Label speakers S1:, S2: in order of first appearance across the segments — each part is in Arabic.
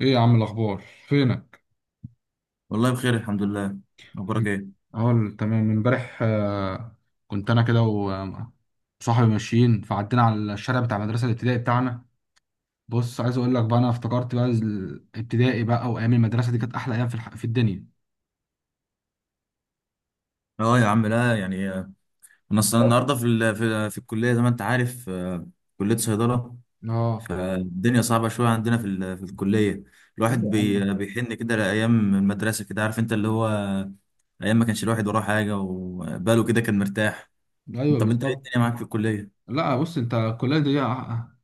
S1: ايه يا عم الاخبار؟ فينك؟
S2: والله بخير الحمد لله. اخبارك ايه؟
S1: اه تمام. من امبارح كنت انا كده وصاحبي ماشيين، فعدينا على الشارع بتاع المدرسه الابتدائي بتاعنا. بص، عايز اقول لك بقى، انا افتكرت بقى الابتدائي بقى وايام المدرسه دي كانت احلى ايام في الدنيا.
S2: اه يا عم، لا يعني انا اصلا النهارده في الكليه زي ما انت عارف. كليه صيدله.
S1: اه
S2: فالدنيا صعبه شويه عندنا في الكليه.
S1: لا
S2: الواحد
S1: يا عم،
S2: بيحن كده لايام المدرسه، كده عارف انت اللي هو ايام ما كانش الواحد وراه حاجه وباله كده كان مرتاح.
S1: ايوه
S2: طب انت ايه
S1: بالظبط.
S2: الدنيا معاك في الكليه؟
S1: لا بص، انت الكليه دي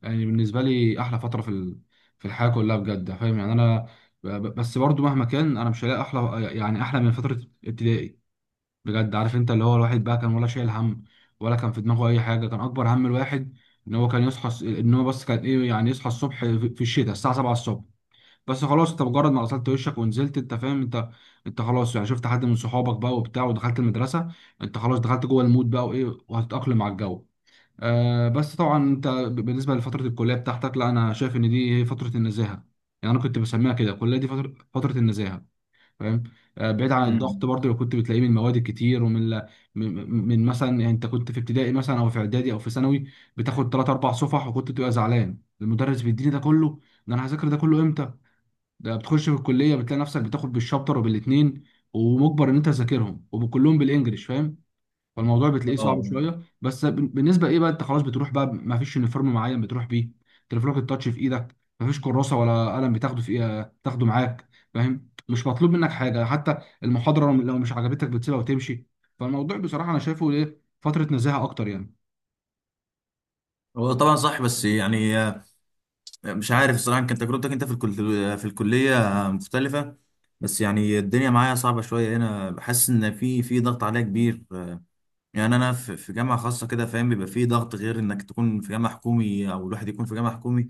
S1: يعني بالنسبه لي احلى فتره في الحياه كلها بجد، فاهم يعني؟ ب- بس برضو مهما كان انا مش هلاقي احلى، يعني احلى من فتره ابتدائي بجد. عارف، انت اللي هو الواحد بقى كان ولا شايل هم ولا كان في دماغه اي حاجه. كان اكبر هم الواحد ان هو ان هو بس كان ايه يعني، يصحى الصبح في الشتاء الساعه 7 الصبح. بس خلاص، انت مجرد ما غسلت وشك ونزلت، انت فاهم؟ انت انت خلاص يعني شفت حد من صحابك بقى وبتاع، ودخلت المدرسه، انت خلاص دخلت جوه المود بقى وايه، وهتتاقلم على الجو. آه بس طبعا بالنسبه لفتره الكليه بتاعتك، لا انا شايف ان دي هي فتره النزاهه. يعني انا كنت بسميها كده الكليه دي، فتره النزاهه، فاهم؟ بعيد عن الضغط
S2: امم
S1: برضه اللي كنت بتلاقيه من المواد الكتير من مثلا، يعني انت كنت في ابتدائي مثلا او في اعدادي او في ثانوي، بتاخد ثلاث اربع صفح، وكنت بتبقى زعلان، المدرس بيديني ده كله، ده انا هذاكر ده كله امتى؟ ده بتخش في الكليه بتلاقي نفسك بتاخد بالشابتر وبالاثنين، ومجبر ان انت تذاكرهم، وكلهم بالانجلش، فاهم؟ فالموضوع بتلاقيه صعب
S2: اه.
S1: شويه. بالنسبه ايه بقى، انت خلاص بتروح بقى، ما فيش يونيفورم معين بتروح بيه، تليفونك التاتش في ايدك، ما فيش كراسه ولا قلم بتاخده، في ايه تاخده معاك، فاهم؟ مش مطلوب منك حاجه حتى. المحاضره لو مش عجبتك بتسيبها وتمشي. فالموضوع بصراحه انا شايفه ايه، فتره نزاهه اكتر يعني.
S2: هو طبعا صح، بس يعني مش عارف الصراحة، كانت تجربتك انت في الكلية مختلفة. بس يعني الدنيا معايا صعبة شوية هنا، بحس ان في ضغط عليا كبير. يعني انا في جامعة خاصة كده فاهم، بيبقى في ضغط غير انك تكون في جامعة حكومي او الواحد يكون في جامعة حكومي.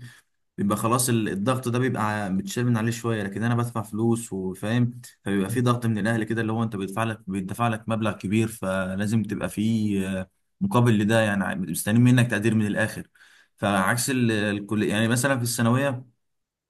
S2: بيبقى خلاص الضغط ده بيبقى متشال من عليه شوية، لكن انا بدفع فلوس وفاهم. فبيبقى في ضغط من الاهل كده، اللي هو انت بيدفع لك مبلغ كبير، فلازم تبقى في مقابل لده يعني، مستنيين منك تقدير من الاخر. فعكس الكل يعني، مثلا في الثانوية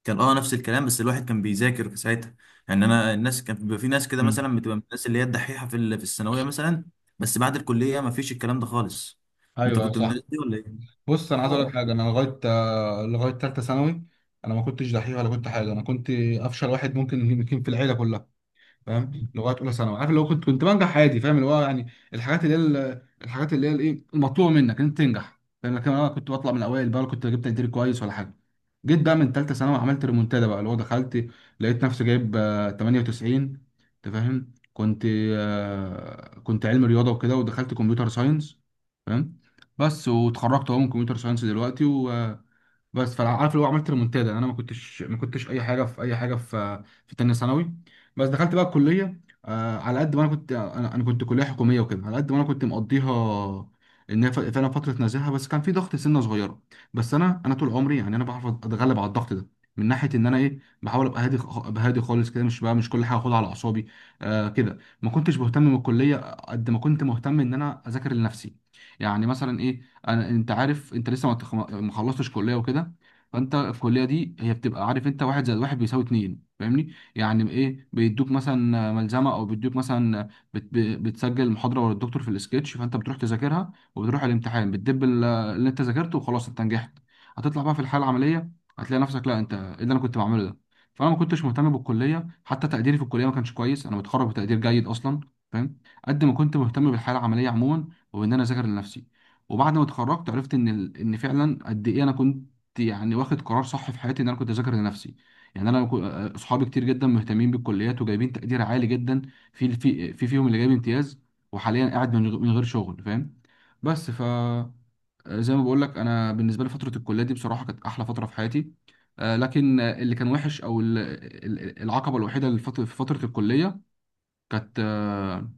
S2: كان اه نفس الكلام، بس الواحد كان بيذاكر في ساعتها. يعني انا الناس كان بيبقى في ناس كده
S1: مم.
S2: مثلا بتبقى من الناس اللي هي الدحيحه في الثانويه مثلا. بس بعد الكليه ما فيش الكلام ده خالص. انت
S1: ايوه،
S2: كنت من
S1: صح.
S2: الناس دي ولا ايه؟
S1: بص انا عايز اقول لك حاجه، انا لغايه لغايه ثالثه ثانوي انا ما كنتش دحيح ولا كنت حاجه. انا كنت افشل واحد ممكن، يمكن في العيله كلها، فاهم؟ لغايه اولى ثانوي، عارف اللي هو كنت بنجح عادي، فاهم؟ اللي هو يعني الحاجات اللي هي الحاجات اللي هي الايه، المطلوبه منك ان انت تنجح، فاهم؟ لكن انا كنت بطلع من الاوائل بقى، ولا كنت جبت تقدير كويس ولا حاجه. جيت بقى من ثالثه ثانوي عملت ريمونتادا بقى، اللي هو دخلت، لقيت نفسي جايب 98. انت فاهم؟ كنت كنت علم رياضه وكده، ودخلت كمبيوتر ساينس، فاهم؟ بس، واتخرجت اهو من كمبيوتر ساينس دلوقتي. بس، فعارف اللي هو عملت ريمونتادا. يعني انا ما كنتش اي حاجه في اي حاجه في تانية ثانوي، بس دخلت بقى الكليه. آه، على قد ما انا كنت، انا كنت كليه حكوميه وكده، على قد ما انا كنت مقضيها، ان هي فعلا فتره نزاهه، بس كان في ضغط سنه صغيره. بس انا طول عمري، يعني انا بعرف اتغلب على الضغط ده، من ناحيه ان انا ايه، بحاول ابقى هادي خالص كده، مش بقى مش كل حاجه اخدها على اعصابي. آه كده، ما كنتش مهتم بالكليه قد ما كنت مهتم ان انا اذاكر لنفسي. يعني مثلا ايه، انا انت عارف انت لسه ما خلصتش كليه وكده، فانت في الكليه دي هي بتبقى، عارف انت، واحد زائد واحد بيساوي اتنين، فاهمني؟ يعني ايه، بيدوك مثلا ملزمه، او بيدوك مثلا بتسجل المحاضره ورا الدكتور في السكتش، فانت بتروح تذاكرها وبتروح الامتحان بتدب اللي انت ذاكرته، وخلاص انت نجحت. هتطلع بقى في الحاله العمليه هتلاقي نفسك، لا انت ايه اللي انا كنت بعمله ده؟ فانا ما كنتش مهتم بالكليه، حتى تقديري في الكليه ما كانش كويس، انا متخرج بتقدير جيد اصلا، فاهم؟ قد ما كنت مهتم بالحاله العمليه عموما، وان انا اذاكر لنفسي. وبعد ما اتخرجت عرفت ان ان فعلا قد ايه انا كنت يعني واخد قرار صح في حياتي، ان انا كنت اذاكر لنفسي. يعني انا كو- اصحابي كتير جدا مهتمين بالكليات وجايبين تقدير عالي جدا، في في فيهم اللي جايب امتياز، وحاليا قاعد من غير شغل، فاهم؟ بس ف زي ما بقول لك، انا بالنسبه لي فتره الكليه دي بصراحه كانت احلى فتره في حياتي. لكن اللي كان وحش العقبه الوحيده في فتره الكليه كانت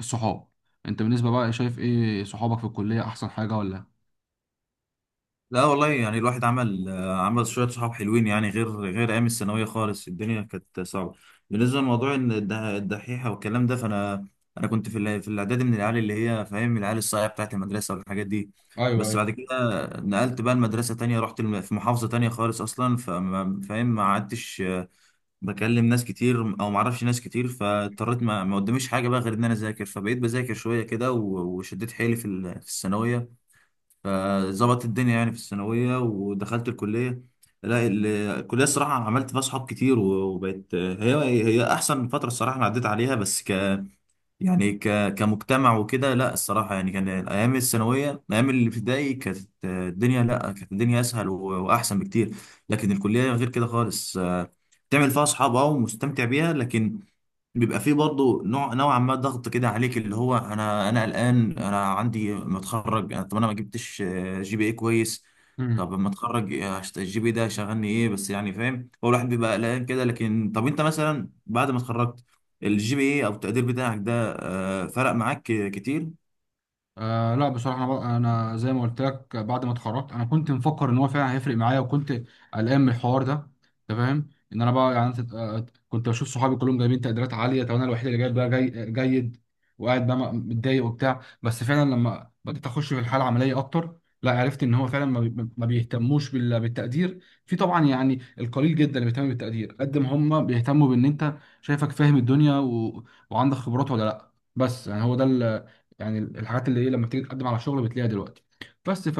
S1: الصحاب. انت بالنسبه بقى شايف ايه، صحابك في الكليه احسن حاجه ولا؟
S2: لا والله، يعني الواحد عمل عمل شوية صحاب حلوين يعني، غير أيام الثانوية خالص الدنيا كانت صعبة. بالنسبة لموضوع إن الدحيحة والكلام ده، فأنا أنا كنت في الإعدادي من العيال اللي هي فاهم، العيال الصايعة بتاعت المدرسة والحاجات دي. بس
S1: ايوه،
S2: بعد كده نقلت بقى لمدرسة تانية، رحت في محافظة تانية خالص أصلا، فما فاهم ما عدتش، بكلم ناس كتير أو ما أعرفش ناس كتير، فاضطريت ما قداميش حاجة بقى غير إن أنا أذاكر. فبقيت بذاكر شوية كده وشديت حيلي في الثانوية. فظبطت الدنيا يعني في الثانوية، ودخلت الكلية. لا الكلية الصراحة عملت فيها صحاب كتير وبقت هي أحسن فترة الصراحة أنا عديت عليها. بس ك يعني ك كمجتمع وكده، لا الصراحة يعني كان الأيام الثانوية الأيام الابتدائي كانت الدنيا، لا كانت الدنيا أسهل وأحسن بكتير. لكن الكلية غير كده خالص. تعمل فيها أصحاب أه ومستمتع بيها، لكن بيبقى فيه برضه نوع نوعا ما ضغط كده عليك، اللي هو انا قلقان، انا عندي متخرج طب انا ما جبتش جي بي اي كويس.
S1: ايوه
S2: طب لما اتخرج، الجي بي إيه ده شغلني ايه بس يعني فاهم، هو الواحد بيبقى قلقان كده. لكن طب انت مثلا بعد ما اتخرجت الجي بي اي او التقدير بتاعك ده، فرق معاك كتير؟
S1: آه لا بصراحة، أنا زي ما قلت لك، بعد ما اتخرجت أنا كنت مفكر إن هو فعلا هيفرق معايا، وكنت قلقان من الحوار ده. أنت فاهم؟ إن أنا بقى، يعني كنت بشوف صحابي كلهم جايبين تقديرات عالية، طب أنا الوحيد اللي جايب بقى جيد، وقاعد بقى متضايق وبتاع. بس فعلا لما بدأت أخش في الحالة العملية أكتر، لا عرفت إن هو فعلا ما بيهتموش بالتقدير. في طبعا يعني القليل جدا اللي بيهتم بالتقدير، قد ما هم بيهتموا بإن أنت شايفك فاهم الدنيا وعندك خبرات ولا لأ. بس يعني هو ده، يعني الحاجات اللي ايه لما بتيجي تقدم على شغل بتلاقيها دلوقتي. بس ف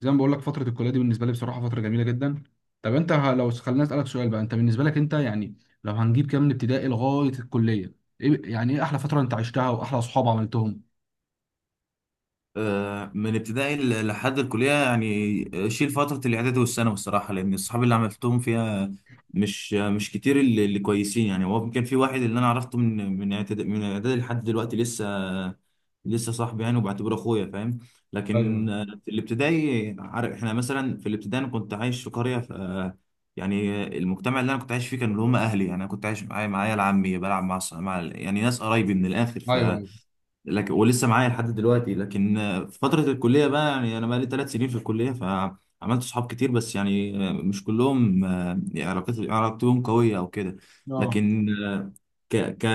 S1: زي ما بقول لك، فتره الكليه دي بالنسبه لي بصراحه فتره جميله جدا. طب انت لو خلينا اسالك سؤال بقى، انت بالنسبه لك انت، يعني لو هنجيب كام من ابتدائي لغايه الكليه، ايه يعني، ايه احلى فتره انت عشتها واحلى اصحاب عملتهم؟
S2: من ابتدائي لحد الكلية يعني شيل فترة الإعدادي والثانوي الصراحة، لأن الصحاب اللي عملتهم فيها مش كتير، اللي كويسين يعني. هو كان في واحد اللي أنا عرفته من إعدادي لحد دلوقتي لسه، لسه صاحبي يعني وبعتبره أخويا فاهم. لكن
S1: ايوه،
S2: في الابتدائي، عارف إحنا مثلا في الابتدائي أنا كنت عايش في قرية ف يعني المجتمع اللي أنا كنت عايش فيه كانوا اللي هم أهلي. يعني أنا كنت عايش معايا العمي، بلعب مع الص- مع ال- يعني ناس قرايبي من الآخر ف.
S1: ايوه
S2: لكن ولسه معايا لحد دلوقتي. لكن في فترة الكلية بقى يعني، أنا بقالي 3 سنين في الكلية فعملت صحاب كتير. بس يعني مش كلهم يعني علاقتهم قوية أو كده.
S1: اه،
S2: لكن آه، ك ك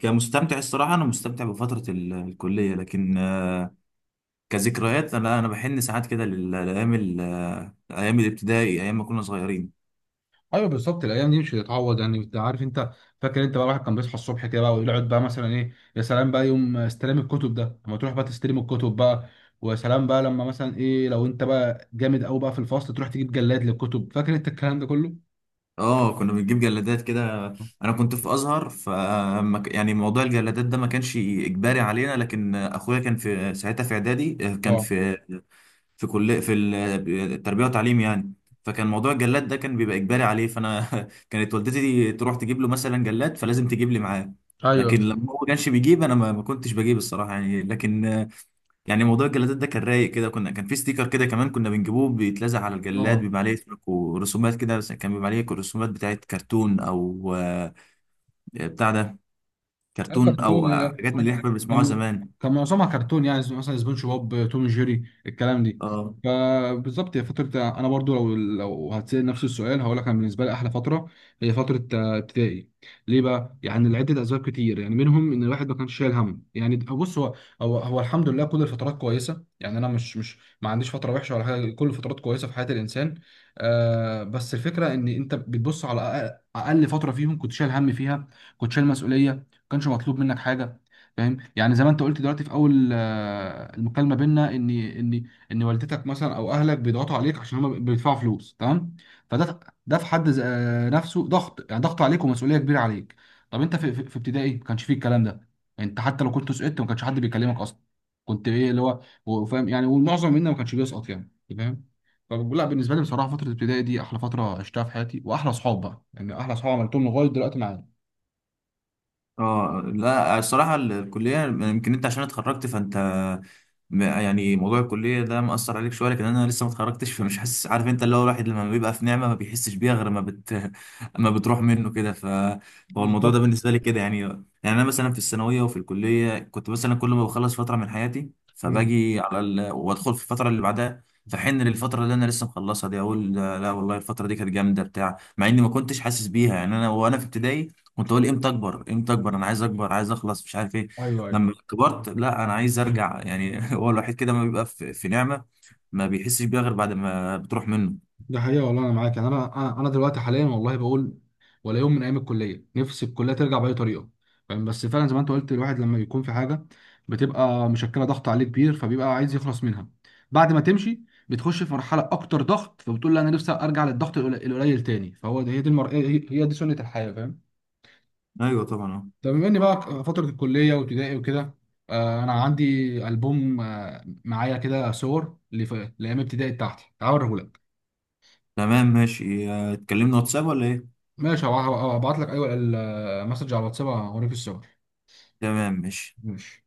S2: كمستمتع الصراحة أنا مستمتع بفترة الكلية. لكن كذكريات أنا بحن ساعات كده لل- لأيام ال- آه، أيام الابتدائي، أيام ما كنا صغيرين.
S1: ايوه بالظبط الايام دي مش هتتعوض، يعني انت عارف انت. فاكر انت بقى، الواحد كان بيصحى الصبح كده بقى ويقعد بقى مثلا ايه، يا سلام بقى يوم استلام الكتب ده، لما تروح بقى تستلم الكتب بقى، ويا سلام بقى لما مثلا ايه، لو انت بقى جامد قوي بقى في الفصل تروح تجيب جلاد للكتب، فاكر انت الكلام ده كله؟
S2: اه كنا بنجيب جلادات كده. انا كنت في ازهر ف يعني موضوع الجلادات ده ما كانش اجباري علينا. لكن اخويا كان في ساعتها في اعدادي، كان
S1: اه،
S2: في التربيه والتعليم يعني. فكان موضوع الجلاد ده كان بيبقى اجباري عليه. فانا كانت والدتي تروح تجيب له مثلا جلاد فلازم تجيب لي معاه.
S1: ايوه،
S2: لكن لما هو ما كانش بيجيب، انا ما كنتش بجيب الصراحه يعني. لكن يعني موضوع الجلادات ده كان رايق كده، كنا كان في ستيكر كده كمان كنا بنجيبوه بيتلزق على الجلاد،
S1: اه
S2: بيبقى عليه اسمك ورسومات كده. بس كان بيبقى عليه رسومات بتاعت كرتون او بتاع ده،
S1: اي
S2: كرتون
S1: كرتون.
S2: او حاجات من اللي احنا كنا بنسمعوها
S1: كان
S2: زمان.
S1: كان معظمها كرتون، يعني زي مثلا سبونج بوب، توم جيري، الكلام دي.
S2: اه
S1: فبالظبط، هي فترة أنا برضو لو هتسأل نفس السؤال هقول لك، أنا بالنسبة لي أحلى فترة هي فترة ابتدائي. ليه بقى؟ يعني لعدة أسباب كتير، يعني منهم إن الواحد ما كانش شايل هم. يعني بص، هو الحمد لله كل الفترات كويسة، يعني أنا مش مش ما عنديش فترة وحشة ولا حاجة، كل الفترات كويسة في حياة الإنسان. آه بس الفكرة إن أنت بتبص على أقل فترة فيهم كنت شايل هم فيها، كنت شايل مسؤولية، ما كانش مطلوب منك حاجة. فاهم؟ يعني زي ما انت قلت دلوقتي في اول المكالمه بينا، ان والدتك مثلا او اهلك بيضغطوا عليك عشان هم بيدفعوا فلوس، تمام؟ فده، ده في حد نفسه ضغط، يعني ضغط عليك ومسؤوليه كبيره عليك. طب انت في ابتدائي ما كانش فيه الكلام ده، انت حتى لو كنت سقطت ما كانش حد بيكلمك اصلا. كنت ايه اللي هو هو، فاهم يعني؟ والمعظم منا ما كانش بيسقط، يعني انت فاهم. فلا بالنسبه لي بصراحه فتره الابتدائي دي احلى فتره عشتها في حياتي، واحلى اصحاب بقى، يعني احلى اصحاب عملتهم لغايه دلوقتي معايا.
S2: اه. لا الصراحة الكلية يمكن انت عشان اتخرجت فانت، يعني موضوع الكلية ده مأثر عليك شوية. لكن انا لسه ما اتخرجتش فمش حاسس، عارف انت اللي هو الواحد لما بيبقى في نعمة ما بيحسش بيها غير ما بت ما بتروح منه كده فهو الموضوع ده
S1: بالظبط.
S2: بالنسبة لي كده يعني، انا مثلا في الثانوية وفي الكلية كنت مثلا كل ما بخلص فترة من حياتي
S1: مم.
S2: فباجي على وادخل في الفترة اللي بعدها، فحن للفترة اللي انا لسه مخلصها دي، اقول لا لا والله الفترة دي كانت جامدة بتاع، مع اني ما كنتش حاسس بيها يعني. انا وانا في ابتدائي كنت اقول امتى اكبر امتى اكبر، انا عايز اكبر عايز اخلص مش عارف ايه.
S1: ايوه،
S2: لما كبرت، لا انا عايز ارجع يعني هو الوحيد كده ما بيبقى في نعمة ما بيحسش بيها غير بعد ما بتروح منه.
S1: ده حقيقة والله، أنا معاك يعني. أنا دلوقتي حاليا والله بقول، ولا يوم من أيام الكلية نفسي الكلية ترجع بأي طريقة، فاهم؟ بس فعلا زي ما أنت قلت، الواحد لما بيكون في حاجة بتبقى مشكلة ضغط عليه كبير، فبيبقى عايز يخلص منها. بعد ما تمشي بتخش في مرحلة أكتر ضغط، فبتقول لا أنا نفسي أرجع للضغط القليل تاني. فهو ده، هي دي هي دي سنة الحياة، فاهم؟
S2: ايوه طبعا اه.
S1: طب بما إني بقى فترة الكلية وابتدائي وكده، أنا عندي ألبوم معايا كده صور لأيام ابتدائي بتاعتي، تعال أوريهولك.
S2: تمام ماشي، اتكلمنا واتساب ولا ايه؟
S1: ماشي، هبعت لك ايوه المسج على الواتساب اوريك الصور.
S2: تمام ماشي.
S1: ماشي.